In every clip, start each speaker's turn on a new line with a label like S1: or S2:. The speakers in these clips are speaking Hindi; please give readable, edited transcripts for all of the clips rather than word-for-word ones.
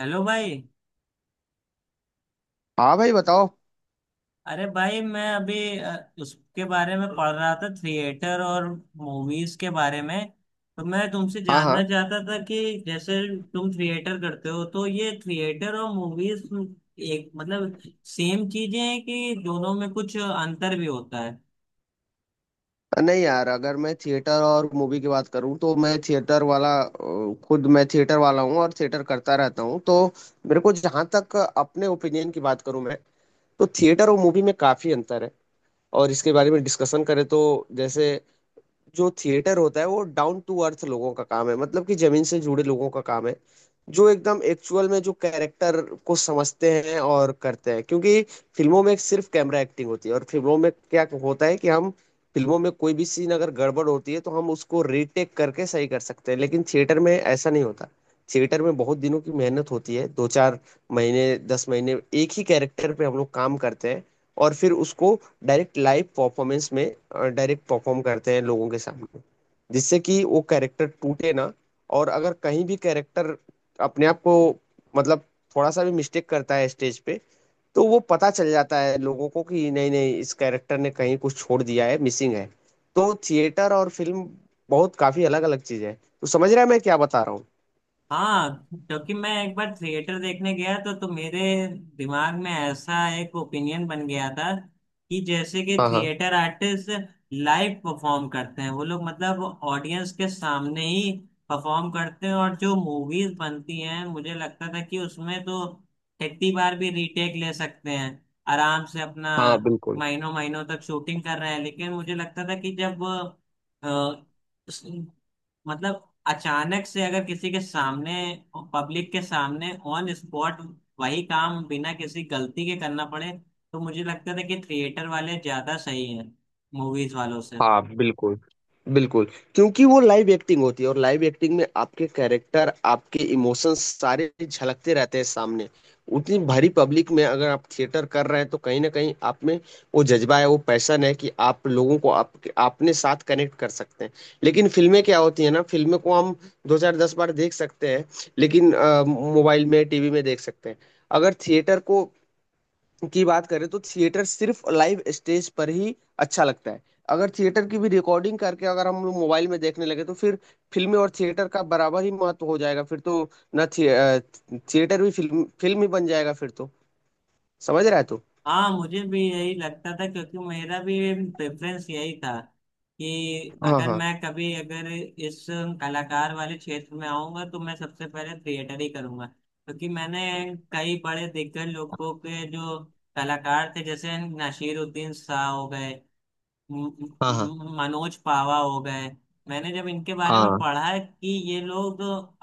S1: हेलो भाई।
S2: हाँ भाई, बताओ।
S1: अरे भाई मैं अभी उसके बारे में पढ़ रहा था थिएटर और मूवीज के बारे में। तो मैं तुमसे
S2: हाँ,
S1: जानना
S2: हाँ।
S1: चाहता था कि जैसे तुम थिएटर करते हो तो ये थिएटर और मूवीज एक मतलब सेम चीजें हैं कि दोनों में कुछ अंतर भी होता है।
S2: नहीं यार, अगर मैं थिएटर और मूवी की बात करूँ तो मैं थिएटर वाला अ, खुद मैं थिएटर वाला हूँ और थिएटर करता रहता हूँ। तो मेरे को, जहाँ तक अपने ओपिनियन की बात करूँ मैं, तो थिएटर और मूवी में काफी अंतर है। और इसके बारे में डिस्कशन करें तो जैसे जो थिएटर होता है वो डाउन टू अर्थ लोगों का काम है, मतलब कि जमीन से जुड़े लोगों का काम है। जो एकदम एक्चुअल में जो कैरेक्टर को समझते हैं और करते हैं, क्योंकि फिल्मों में सिर्फ कैमरा एक्टिंग होती है। और फिल्मों में क्या होता है कि हम फिल्मों में कोई भी सीन अगर गड़बड़ होती है तो हम उसको रीटेक करके सही कर सकते हैं, लेकिन थिएटर में ऐसा नहीं होता। थिएटर में बहुत दिनों की मेहनत होती है, दो चार महीने, 10 महीने एक ही कैरेक्टर पे हम लोग काम करते हैं। और फिर उसको डायरेक्ट लाइव परफॉर्मेंस में डायरेक्ट परफॉर्म करते हैं लोगों के सामने, जिससे कि वो कैरेक्टर टूटे ना। और अगर कहीं भी कैरेक्टर अपने आप को, मतलब, थोड़ा सा भी मिस्टेक करता है स्टेज पे, तो वो पता चल जाता है लोगों को कि नहीं, नहीं, इस कैरेक्टर ने कहीं कुछ छोड़ दिया है, मिसिंग है। तो थिएटर और फिल्म बहुत काफी अलग अलग चीज है। तो समझ रहा है मैं क्या बता रहा हूँ।
S1: हाँ, क्योंकि मैं एक बार थिएटर देखने गया तो मेरे दिमाग में ऐसा एक ओपिनियन बन गया था कि जैसे कि
S2: हाँ, हाँ।
S1: थिएटर आर्टिस्ट लाइव परफॉर्म करते हैं वो लोग, मतलब ऑडियंस के सामने ही परफॉर्म करते हैं। और जो मूवीज बनती हैं मुझे लगता था कि उसमें तो कितनी बार भी रीटेक ले सकते हैं आराम से अपना,
S2: हाँ, बिल्कुल।
S1: महीनों महीनों तक शूटिंग कर रहे हैं। लेकिन मुझे लगता था कि जब मतलब अचानक से अगर किसी के सामने, पब्लिक के सामने ऑन स्पॉट वही काम बिना किसी गलती के करना पड़े तो मुझे लगता था कि थिएटर वाले ज्यादा सही है मूवीज वालों से।
S2: हाँ, बिल्कुल बिल्कुल, क्योंकि वो लाइव एक्टिंग होती है, और लाइव एक्टिंग में आपके कैरेक्टर, आपके इमोशंस सारे झलकते रहते हैं सामने। उतनी भरी पब्लिक में अगर आप थिएटर कर रहे हैं तो कहीं ना कहीं आप में वो जज्बा है, वो पैशन है, कि आप लोगों को आप अपने साथ कनेक्ट कर सकते हैं। लेकिन फिल्में क्या होती है ना, फिल्में को हम दो चार दस बार देख सकते हैं, लेकिन मोबाइल में, टीवी में देख सकते हैं। अगर थिएटर को की बात करें तो थिएटर सिर्फ लाइव स्टेज पर ही अच्छा लगता है। अगर थिएटर की भी रिकॉर्डिंग करके अगर हम लोग मोबाइल में देखने लगे तो फिर फिल्में और थिएटर का बराबर ही महत्व हो जाएगा फिर तो। ना थि, अ, थिएटर भी फिल्म फिल्म ही बन जाएगा फिर तो। समझ रहा है तू।
S1: हाँ मुझे भी यही लगता था क्योंकि मेरा भी प्रेफरेंस यही था कि
S2: हाँ,
S1: अगर
S2: हाँ,
S1: मैं कभी अगर इस कलाकार वाले क्षेत्र में आऊंगा तो मैं सबसे पहले थिएटर ही करूंगा, क्योंकि मैंने कई बड़े दिग्गज लोगों के जो कलाकार थे जैसे नासिरुद्दीन शाह हो गए, म-
S2: हाँ, हाँ,
S1: मनोज पावा हो गए, मैंने जब इनके बारे में
S2: हाँ।
S1: पढ़ा कि ये लोग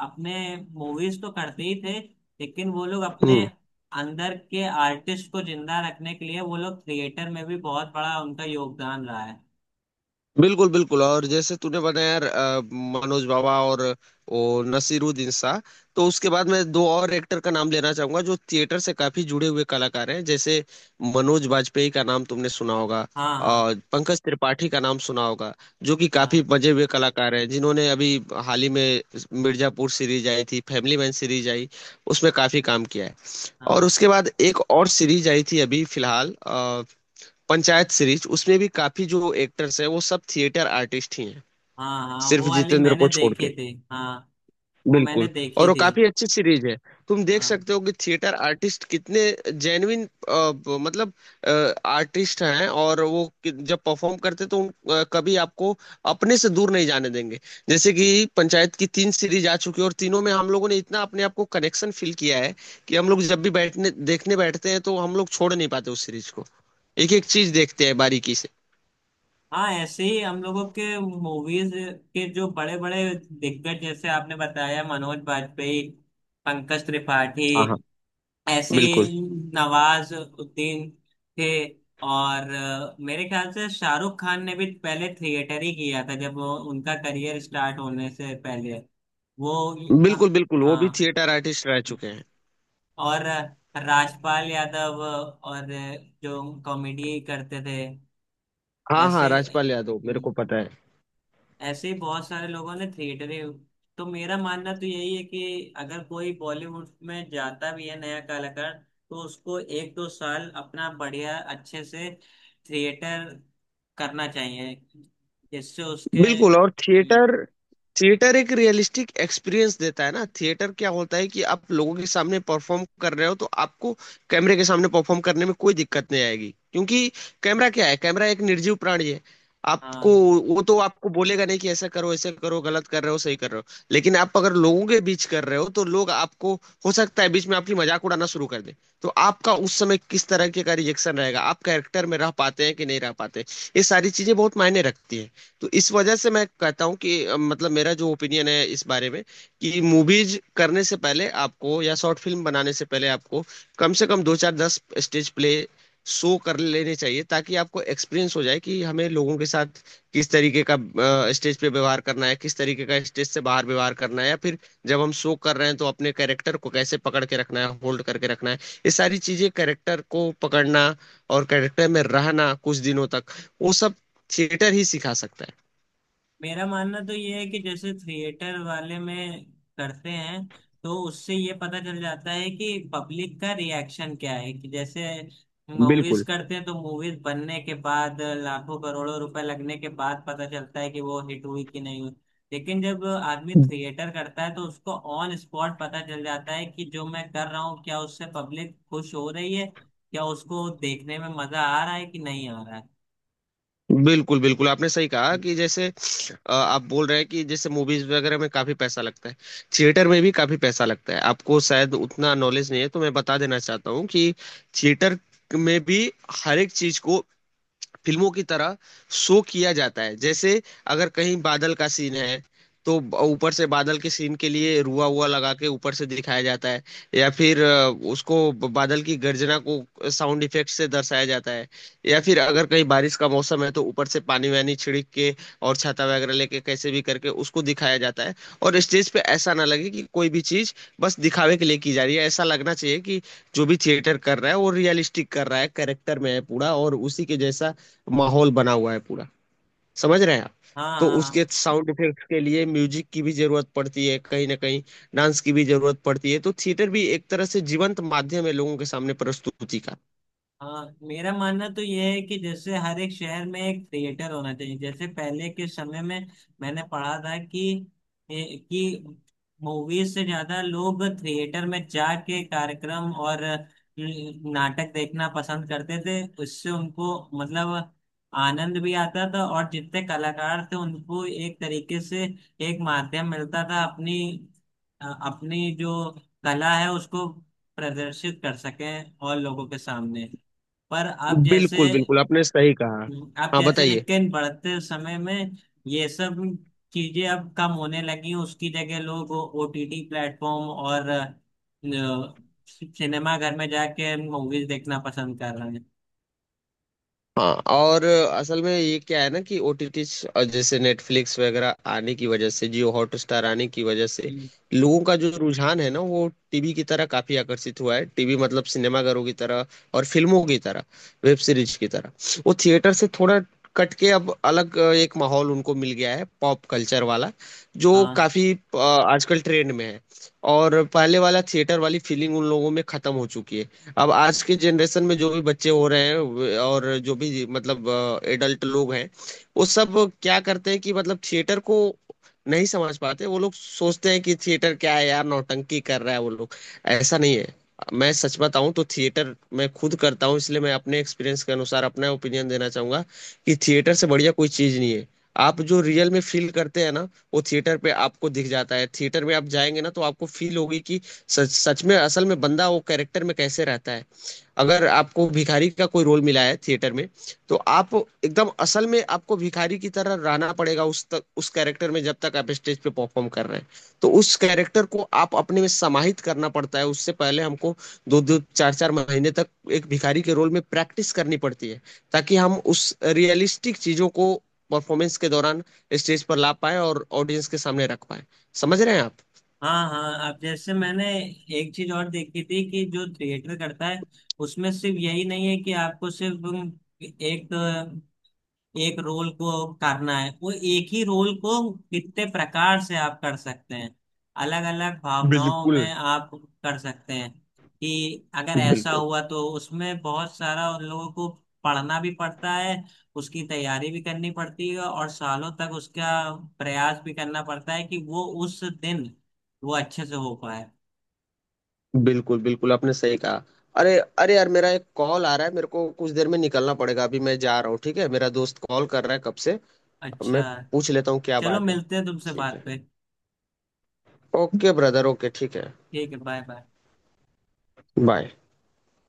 S1: अपने मूवीज तो करते ही थे लेकिन वो लोग अपने
S2: हम्म।
S1: अंदर के आर्टिस्ट को जिंदा रखने के लिए वो लोग थिएटर में भी बहुत बड़ा उनका योगदान रहा है।
S2: बिल्कुल बिल्कुल, और जैसे तूने बताया यार, मनोज बावा और वो नसीरुद्दीन शाह, तो उसके बाद मैं दो और एक्टर का नाम लेना चाहूंगा जो थिएटर से काफी जुड़े हुए कलाकार हैं, जैसे मनोज बाजपेयी का नाम तुमने सुना होगा,
S1: हाँ हाँ।
S2: और पंकज त्रिपाठी का नाम सुना होगा। जो कि काफी
S1: हाँ
S2: मजे हुए कलाकार हैं, जिन्होंने अभी हाल ही में मिर्जापुर सीरीज आई थी, फैमिली मैन सीरीज आई, उसमें काफी काम किया है। और
S1: हाँ।
S2: उसके बाद एक और सीरीज आई थी अभी फिलहाल, पंचायत सीरीज, उसमें भी काफी जो एक्टर्स हैं वो सब थिएटर आर्टिस्ट ही हैं,
S1: हाँ हाँ,
S2: सिर्फ
S1: वो वाली
S2: जितेंद्र
S1: मैंने
S2: को छोड़ के।
S1: देखी थी, हाँ। वो मैंने
S2: बिल्कुल,
S1: देखी
S2: और वो
S1: थी।
S2: काफी अच्छी सीरीज है। तुम देख
S1: हाँ
S2: सकते हो कि थिएटर आर्टिस्ट कितने जेन्युइन, मतलब, आर्टिस्ट हैं। और वो जब परफॉर्म करते तो कभी आपको अपने से दूर नहीं जाने देंगे। जैसे कि पंचायत की तीन सीरीज आ चुकी है, और तीनों में हम लोगों ने इतना अपने आप को कनेक्शन फील किया है कि हम लोग जब भी बैठने देखने बैठते हैं तो हम लोग छोड़ नहीं पाते उस सीरीज को। एक एक चीज देखते हैं बारीकी से।
S1: हाँ, ऐसे ही हम लोगों के मूवीज के जो बड़े बड़े दिग्गज, जैसे आपने बताया मनोज बाजपेयी, पंकज त्रिपाठी, ऐसे
S2: बिल्कुल।
S1: ही नवाज उद्दीन थे। और मेरे ख्याल से शाहरुख खान ने भी पहले थिएटर ही किया था जब वो, उनका करियर स्टार्ट होने से पहले वो, अ,
S2: बिल्कुल बिल्कुल, वो
S1: हाँ।
S2: भी थिएटर आर्टिस्ट रह चुके हैं।
S1: और राजपाल यादव और जो कॉमेडी करते थे,
S2: हाँ, हाँ,
S1: ऐसे
S2: राजपाल यादव मेरे को पता है।
S1: ऐसे ही बहुत सारे लोगों ने थिएटरें। तो मेरा मानना तो यही है कि अगर कोई बॉलीवुड में जाता भी है नया कलाकार तो उसको एक दो साल अपना बढ़िया अच्छे से थिएटर करना चाहिए जिससे उसके।
S2: बिल्कुल, और
S1: हम्म,
S2: थिएटर थिएटर एक रियलिस्टिक एक्सपीरियंस देता है ना। थिएटर क्या होता है कि आप लोगों के सामने परफॉर्म कर रहे हो तो आपको कैमरे के सामने परफॉर्म करने में कोई दिक्कत नहीं आएगी, क्योंकि कैमरा क्या है, कैमरा एक निर्जीव प्राणी है। आपको
S1: हाँ
S2: वो तो आपको बोलेगा नहीं कि ऐसा करो, ऐसा करो, गलत कर रहे हो, सही कर रहे हो। लेकिन आप अगर लोगों के बीच कर रहे हो तो लोग आपको, हो सकता है बीच में आपकी मजाक उड़ाना शुरू कर दे, तो आपका उस समय किस तरह के का रिएक्शन रहेगा, आप कैरेक्टर में रह पाते हैं कि नहीं रह पाते। ये सारी चीजें बहुत मायने रखती है। तो इस वजह से मैं कहता हूँ कि मतलब मेरा जो ओपिनियन है इस बारे में, कि मूवीज करने से पहले आपको, या शॉर्ट फिल्म बनाने से पहले आपको कम से कम दो चार दस स्टेज प्ले शो कर लेने चाहिए, ताकि आपको एक्सपीरियंस हो जाए कि हमें लोगों के साथ किस तरीके का स्टेज पे व्यवहार करना है, किस तरीके का स्टेज से बाहर व्यवहार करना है, या फिर जब हम शो कर रहे हैं तो अपने कैरेक्टर को कैसे पकड़ के रखना है, होल्ड करके रखना है। ये सारी चीजें, कैरेक्टर को पकड़ना और कैरेक्टर में रहना कुछ दिनों तक, वो सब थिएटर ही सिखा सकता है।
S1: मेरा मानना तो ये है कि जैसे थिएटर वाले में करते हैं तो उससे ये पता चल जाता है कि पब्लिक का रिएक्शन क्या है। कि जैसे मूवीज
S2: बिल्कुल
S1: करते हैं तो मूवीज बनने के बाद लाखों करोड़ों रुपए लगने के बाद पता चलता है कि वो हिट हुई कि नहीं हुई। लेकिन जब आदमी थिएटर करता है तो उसको ऑन स्पॉट पता चल जाता है कि जो मैं कर रहा हूँ क्या उससे पब्लिक खुश हो रही है, क्या उसको देखने में मजा आ रहा है कि नहीं आ रहा है।
S2: बिल्कुल बिल्कुल, आपने सही कहा। कि जैसे आप बोल रहे हैं कि जैसे मूवीज वगैरह में काफी पैसा लगता है, थिएटर में भी काफी पैसा लगता है, आपको शायद उतना नॉलेज नहीं है तो मैं बता देना चाहता हूँ कि थिएटर में भी हर एक चीज को फिल्मों की तरह शो किया जाता है। जैसे अगर कहीं बादल का सीन है तो ऊपर से बादल के सीन के लिए रुआ हुआ लगा के ऊपर से दिखाया जाता है। या फिर उसको बादल की गर्जना को साउंड इफेक्ट से दर्शाया जाता है। या फिर अगर कहीं बारिश का मौसम है तो ऊपर से पानी वानी छिड़क के और छाता वगैरह लेके कैसे भी करके उसको दिखाया जाता है। और स्टेज पे ऐसा ना लगे कि कोई भी चीज बस दिखावे के लिए की जा रही है, ऐसा लगना चाहिए कि जो भी थिएटर कर रहा है वो रियलिस्टिक कर रहा है, कैरेक्टर में है पूरा, और उसी के जैसा माहौल बना हुआ है पूरा। समझ रहे हैं आप।
S1: हाँ
S2: तो
S1: हाँ हाँ।
S2: उसके साउंड इफेक्ट्स के लिए म्यूजिक की भी जरूरत पड़ती है कहीं ना कहीं, डांस की भी जरूरत पड़ती है। तो थिएटर भी एक तरह से जीवंत माध्यम है लोगों के सामने प्रस्तुति का।
S1: हाँ मेरा मानना तो यह है कि जैसे हर एक शहर में एक थिएटर होना चाहिए। जैसे पहले के समय में मैंने पढ़ा था कि कि मूवीज से ज्यादा लोग थिएटर में जाके कार्यक्रम और नाटक देखना पसंद करते थे, उससे उनको मतलब आनंद भी आता था और जितने कलाकार थे उनको एक तरीके से एक माध्यम मिलता था अपनी अपनी जो कला है उसको प्रदर्शित कर सकें और लोगों के सामने। पर आप जैसे,
S2: बिल्कुल बिल्कुल, आपने सही कहा। हाँ, बताइए।
S1: लेकिन बढ़ते समय में ये सब चीजें अब कम होने लगी, उसकी जगह लोग ओटीटी प्लेटफॉर्म और सिनेमा घर में जाके मूवीज देखना पसंद कर रहे हैं।
S2: हाँ, और असल में ये क्या है ना कि ओटीटी जैसे नेटफ्लिक्स वगैरह आने की वजह से, जियो हॉटस्टार आने की वजह से,
S1: हम्म,
S2: लोगों का जो रुझान है ना वो टीवी की तरह काफी आकर्षित हुआ है। टीवी मतलब सिनेमाघरों की तरह, और फिल्मों की तरह, वेब सीरीज की तरह। वो थिएटर से थोड़ा कट के अब अलग, एक माहौल उनको मिल गया है, पॉप कल्चर वाला, जो
S1: हाँ
S2: काफी आजकल ट्रेंड में है। और पहले वाला थिएटर वाली फीलिंग उन लोगों में खत्म हो चुकी है। अब आज के जनरेशन में जो भी बच्चे हो रहे हैं, और जो भी मतलब एडल्ट लोग हैं, वो सब क्या करते हैं कि मतलब थिएटर को नहीं समझ पाते। वो लोग सोचते हैं कि थिएटर क्या है यार, नौटंकी कर रहा है वो लोग। ऐसा नहीं है। मैं सच बताऊं तो थिएटर मैं खुद करता हूं, इसलिए मैं अपने एक्सपीरियंस के अनुसार अपना ओपिनियन देना चाहूंगा कि थिएटर से बढ़िया कोई चीज नहीं है। आप जो रियल में फील करते हैं ना, वो थिएटर पे आपको दिख जाता है। थिएटर में आप जाएंगे ना तो आपको फील होगी कि सच सच में, असल में बंदा वो कैरेक्टर में कैसे रहता है। अगर आपको भिखारी का कोई रोल मिला है थिएटर में, तो आप एकदम असल में आपको भिखारी की तरह रहना पड़ेगा, उस तक उस कैरेक्टर में जब तक आप स्टेज पे परफॉर्म कर रहे हैं। तो उस कैरेक्टर को आप अपने में समाहित करना पड़ता है, उससे पहले हमको दो दो चार चार महीने तक एक भिखारी के रोल में प्रैक्टिस करनी पड़ती है, ताकि हम उस रियलिस्टिक चीजों को परफॉर्मेंस के दौरान स्टेज पर ला पाए और ऑडियंस के सामने रख पाए। समझ रहे हैं आप।
S1: हाँ हाँ, अब जैसे मैंने एक चीज और देखी थी कि जो थिएटर करता है उसमें सिर्फ यही नहीं है कि आपको सिर्फ एक एक रोल को करना है, वो एक ही रोल को कितने प्रकार से आप कर सकते हैं, अलग अलग भावनाओं
S2: बिल्कुल
S1: में आप कर सकते हैं। कि अगर ऐसा
S2: बिल्कुल।
S1: हुआ तो उसमें बहुत सारा उन लोगों को पढ़ना भी पड़ता है, उसकी तैयारी भी करनी पड़ती है और सालों तक उसका प्रयास भी करना पड़ता है कि वो उस दिन वो अच्छे से हो पाए।
S2: बिल्कुल बिल्कुल, आपने सही कहा। अरे, अरे यार, मेरा एक कॉल आ रहा है, मेरे को कुछ देर में निकलना पड़ेगा, अभी मैं जा रहा हूँ, ठीक है। मेरा दोस्त कॉल कर रहा है कब से। अब
S1: अच्छा,
S2: मैं पूछ लेता हूँ क्या
S1: चलो
S2: बात है।
S1: मिलते हैं तुमसे
S2: ठीक
S1: बात
S2: है।
S1: पे।
S2: ओके ब्रदर, ओके, ठीक है।
S1: ठीक है, बाय बाय।
S2: बाय।